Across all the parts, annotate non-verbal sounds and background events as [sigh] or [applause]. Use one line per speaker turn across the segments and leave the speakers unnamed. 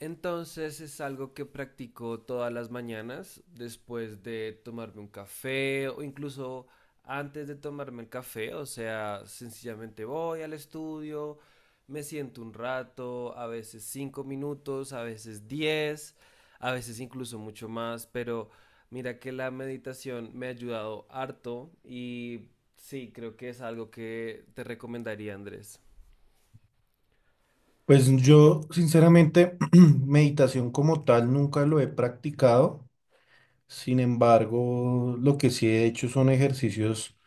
Entonces es algo que practico todas las mañanas después de tomarme un café o incluso antes de tomarme el café. O sea, sencillamente voy al estudio, me siento un rato, a veces 5 minutos, a veces diez, a veces incluso mucho más. Pero mira que la meditación me ha ayudado harto y sí, creo que es algo que te recomendaría, Andrés.
Pues yo, sinceramente, [clears throat] meditación como tal nunca lo he practicado. Sin embargo, lo que sí he hecho son ejercicios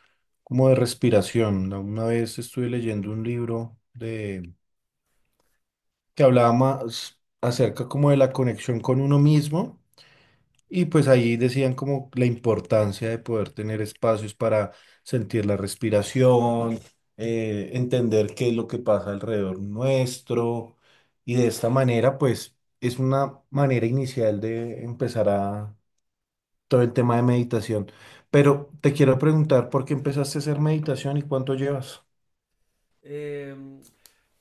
como de respiración. Una vez estuve leyendo un libro de que hablaba más acerca como de la conexión con uno mismo, y pues ahí decían como la importancia de poder tener espacios para sentir la respiración, entender qué es lo que pasa alrededor nuestro. Y de esta manera, pues es una manera inicial de empezar a todo el tema de meditación. Pero te quiero preguntar, ¿por qué empezaste a hacer meditación y cuánto llevas?
Em,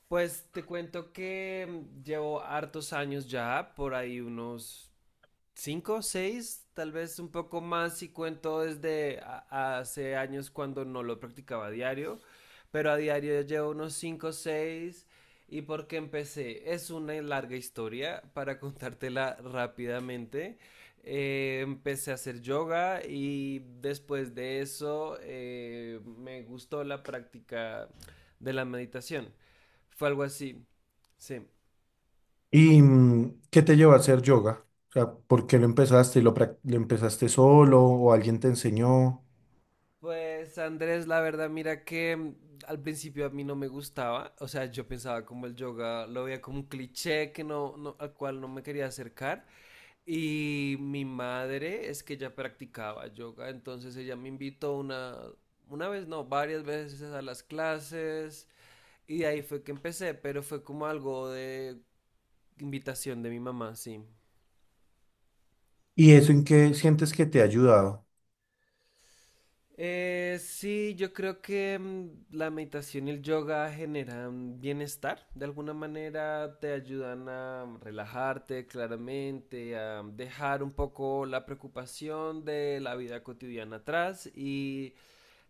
pues te cuento que llevo hartos años ya, por ahí unos cinco, seis, tal vez un poco más si cuento desde hace años cuando no lo practicaba a diario, pero a diario ya llevo unos cinco, seis. ¿Y por qué empecé? Es una larga historia para [laughs] contártela rápidamente. Empecé a hacer yoga y después de eso me gustó la práctica de la meditación. Fue algo así. Sí.
¿Y qué te llevó a hacer yoga? O sea, ¿por qué lo empezaste? Lo empezaste solo o alguien te enseñó?
Pues Andrés, la verdad, mira que al principio a mí no me gustaba, o sea, yo pensaba como el yoga, lo veía como un cliché que no, al cual no me quería acercar. Y mi madre es que ya practicaba yoga, entonces ella me invitó una vez, no, varias veces a las clases y de ahí fue que empecé, pero fue como algo de invitación de mi mamá, sí.
¿Y eso en qué sientes que te ha ayudado?
Sí, yo creo que la meditación y el yoga generan bienestar. De alguna manera te ayudan a relajarte claramente, a dejar un poco la preocupación de la vida cotidiana atrás y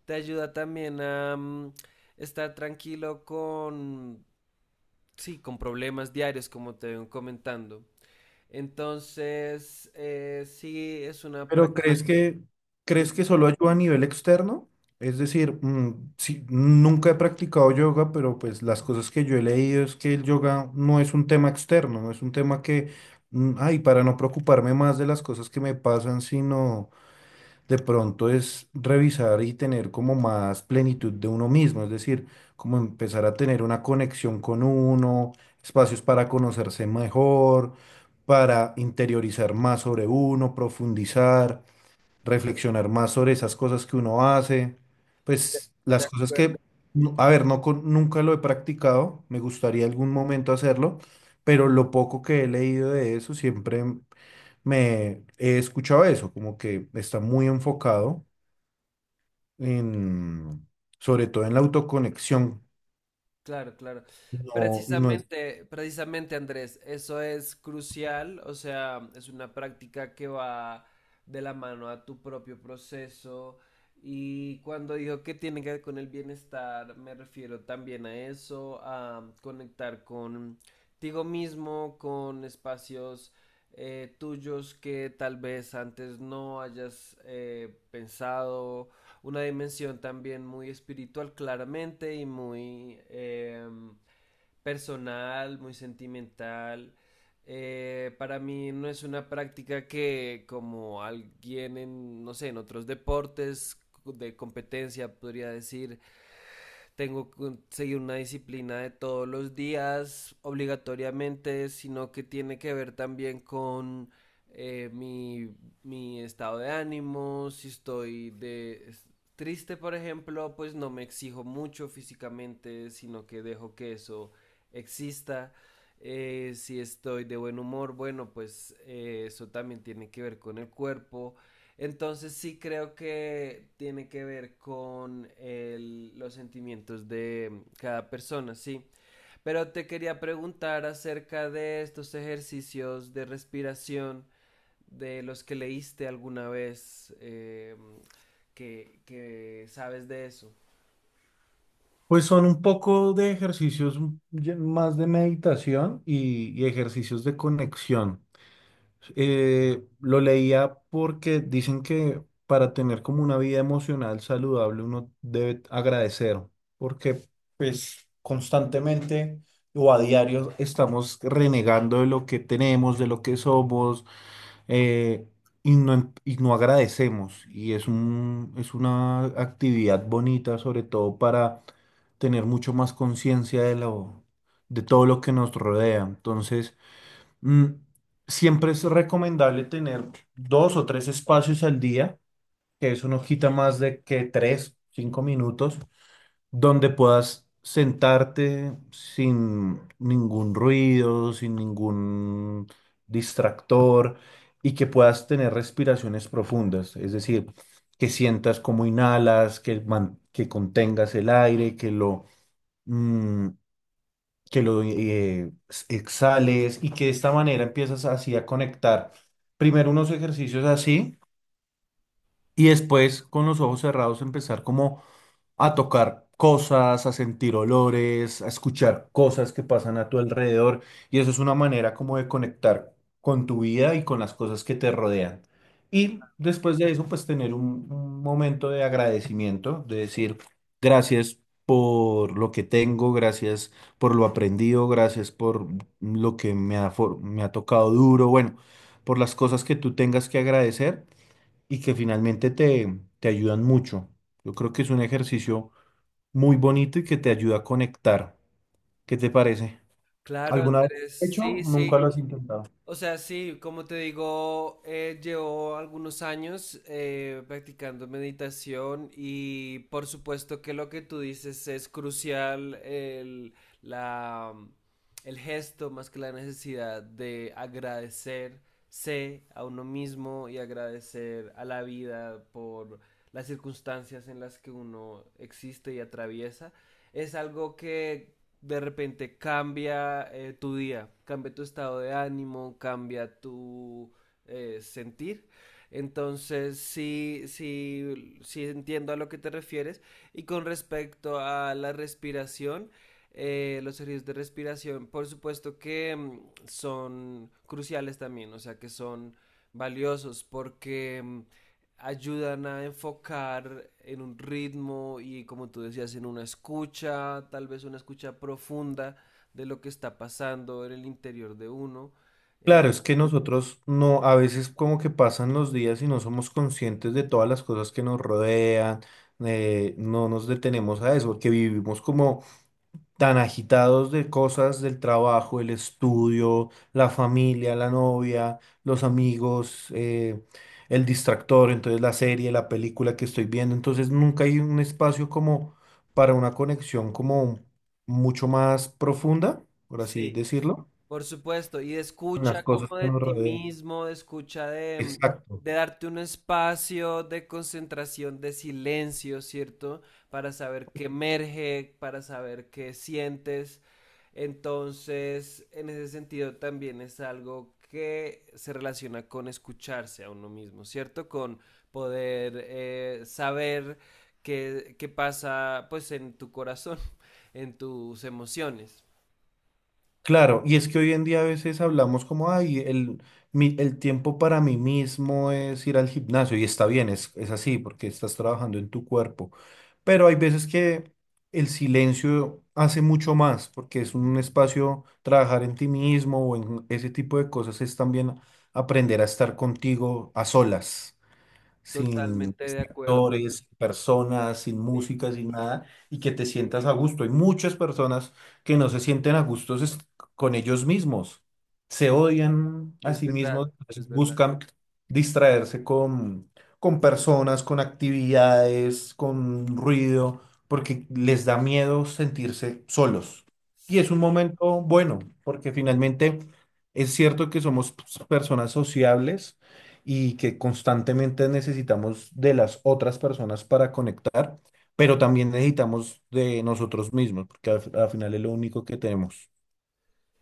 te ayuda también a estar tranquilo con, sí, con problemas diarios, como te ven comentando. Entonces, sí, es una
Pero
práctica. De,
crees que solo ayuda a nivel externo? Es decir, mm, sí, nunca he practicado yoga, pero pues las cosas que yo he leído es que el yoga no es un tema externo, no es un tema mm, ay, para no preocuparme más de las cosas que me pasan, sino de pronto es revisar y tener como más plenitud de uno mismo, es decir, como empezar a tener una conexión con uno, espacios para conocerse mejor, para interiorizar más sobre uno, profundizar, reflexionar más sobre esas cosas que uno hace, pues
de
las cosas
acuerdo.
que, no- a ver, no con- nunca lo he practicado, me gustaría algún momento hacerlo, pero lo poco que he leído de eso siempre me he escuchado eso, como que está muy enfocado en, sobre todo en la autoconexión.
Claro, claro.
No,
Precisamente, precisamente Andrés, eso es crucial, o sea, es una práctica que va de la mano a tu propio proceso y cuando digo que tiene que ver con el bienestar, me refiero también a eso, a conectar contigo mismo, con espacios tuyos que tal vez antes no hayas pensado una dimensión también muy espiritual claramente y muy personal, muy sentimental. Para mí no es una práctica que como alguien en, no sé, en otros deportes de competencia podría decir, tengo que seguir una disciplina de todos los días obligatoriamente, sino que tiene que ver también con eh, mi, mi estado de ánimo, si estoy de triste, por ejemplo, pues no me exijo mucho físicamente, sino que dejo que eso exista. Si estoy de buen humor, bueno, pues eso también tiene que ver con el cuerpo. Entonces sí creo que tiene que ver con los sentimientos de cada persona, sí. Pero te quería preguntar acerca de estos ejercicios de respiración de los que leíste alguna vez, que sabes de eso.
Pues son un poco de ejercicios ya más de meditación y ejercicios de conexión. Lo leía porque dicen que para tener como una vida emocional saludable uno debe agradecer, porque pues constantemente o a diario estamos renegando de lo que tenemos, de lo que somos, eh, y no agradecemos. Y es es una actividad bonita, sobre todo para tener mucho más conciencia de todo lo que nos rodea. Entonces, mm, siempre es recomendable tener dos o tres espacios al día, que eso no quita más de que tres, cinco minutos donde puedas sentarte sin ningún ruido, sin ningún distractor, y que puedas tener respiraciones profundas, es decir, que sientas cómo inhalas, que contengas el aire, mm, que lo exhales, y que de esta manera empiezas así a conectar primero unos ejercicios así, y después con los ojos cerrados empezar como a tocar cosas, a sentir olores, a escuchar cosas que pasan a tu alrededor. Y eso es una manera como de conectar con tu vida y con las cosas que te rodean. Y después de eso, pues tener un momento de agradecimiento, de decir gracias por lo que tengo, gracias por lo aprendido, gracias por lo que me ha, me ha tocado duro, bueno, por las cosas que tú tengas que agradecer y que finalmente te ayudan mucho. Yo creo que es un ejercicio muy bonito y que te ayuda a conectar. ¿Qué te parece?
Claro,
¿Alguna vez lo
Andrés,
has hecho?
sí, sí.
Nunca lo has intentado.
O sea, sí, como te digo, llevo algunos años practicando meditación y por supuesto que lo que tú dices es crucial, el, la, el gesto más que la necesidad de agradecerse a uno mismo y agradecer a la vida por las circunstancias en las que uno existe y atraviesa. Es algo que de repente cambia tu día, cambia tu estado de ánimo, cambia tu sentir. Entonces, sí, sí, sí entiendo a lo que te refieres. Y con respecto a la respiración, los ejercicios de respiración, por supuesto que son cruciales también, o sea, que son valiosos porque ayudan a enfocar en un ritmo y como tú decías, en una escucha, tal vez una escucha profunda de lo que está pasando en el interior de uno. En-
Claro, es que nosotros no, a veces como que pasan los días y no somos conscientes de todas las cosas que nos rodean, no nos detenemos a eso, porque vivimos como tan agitados de cosas del trabajo, el estudio, la familia, la novia, los amigos, el distractor, entonces la serie, la película que estoy viendo, entonces nunca hay un espacio como para una conexión como mucho más profunda, por así
Sí.
decirlo,
Por supuesto, y
con las
escucha
cosas
como
que
de
nos
ti
rodean.
mismo, escucha de, mm,
Exacto.
de darte un espacio de concentración, de silencio, ¿cierto? Para saber qué emerge, para saber qué sientes. Entonces, en ese sentido también es algo que se relaciona con escucharse a uno mismo, ¿cierto? Con poder saber qué pasa pues en tu corazón, [laughs] en tus emociones.
Claro, y es que hoy en día a veces hablamos como, ay, el tiempo para mí mismo es ir al gimnasio, y está bien, es así, porque estás trabajando en tu cuerpo, pero hay veces que el silencio hace mucho más, porque es un espacio, trabajar en ti mismo o en ese tipo de cosas, es también aprender a estar contigo a solas sin
Totalmente de acuerdo.
actores, sin personas, sin
Sí,
música, sin nada, y que te sientas a gusto. Hay muchas personas que no se sienten a gustos con ellos mismos, se odian a
es
sí
verdad,
mismos, entonces
es verdad.
buscan distraerse con personas, con actividades, con ruido, porque les da miedo sentirse solos. Y es
Sí,
un momento bueno, porque finalmente es cierto que somos pues, personas sociables y que constantemente necesitamos de las otras personas para conectar, pero también necesitamos de nosotros mismos, porque al final es lo único que tenemos.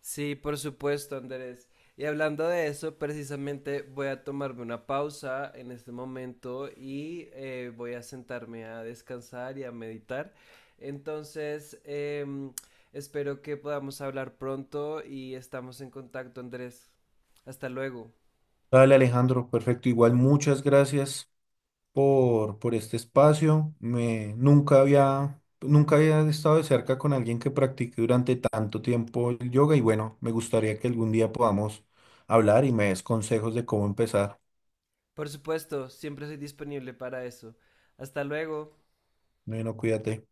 sí, por supuesto, Andrés. Y hablando de eso, precisamente voy a tomarme una pausa en este momento y voy a sentarme a descansar y a meditar. Entonces, espero que podamos hablar pronto y estamos en contacto, Andrés. Hasta luego.
Vale, Alejandro, perfecto. Igual muchas gracias por este espacio. Nunca había estado de cerca con alguien que practique durante tanto tiempo el yoga y bueno, me gustaría que algún día podamos hablar y me des consejos de cómo empezar.
Por supuesto, siempre soy disponible para eso. Hasta luego.
Bueno, cuídate.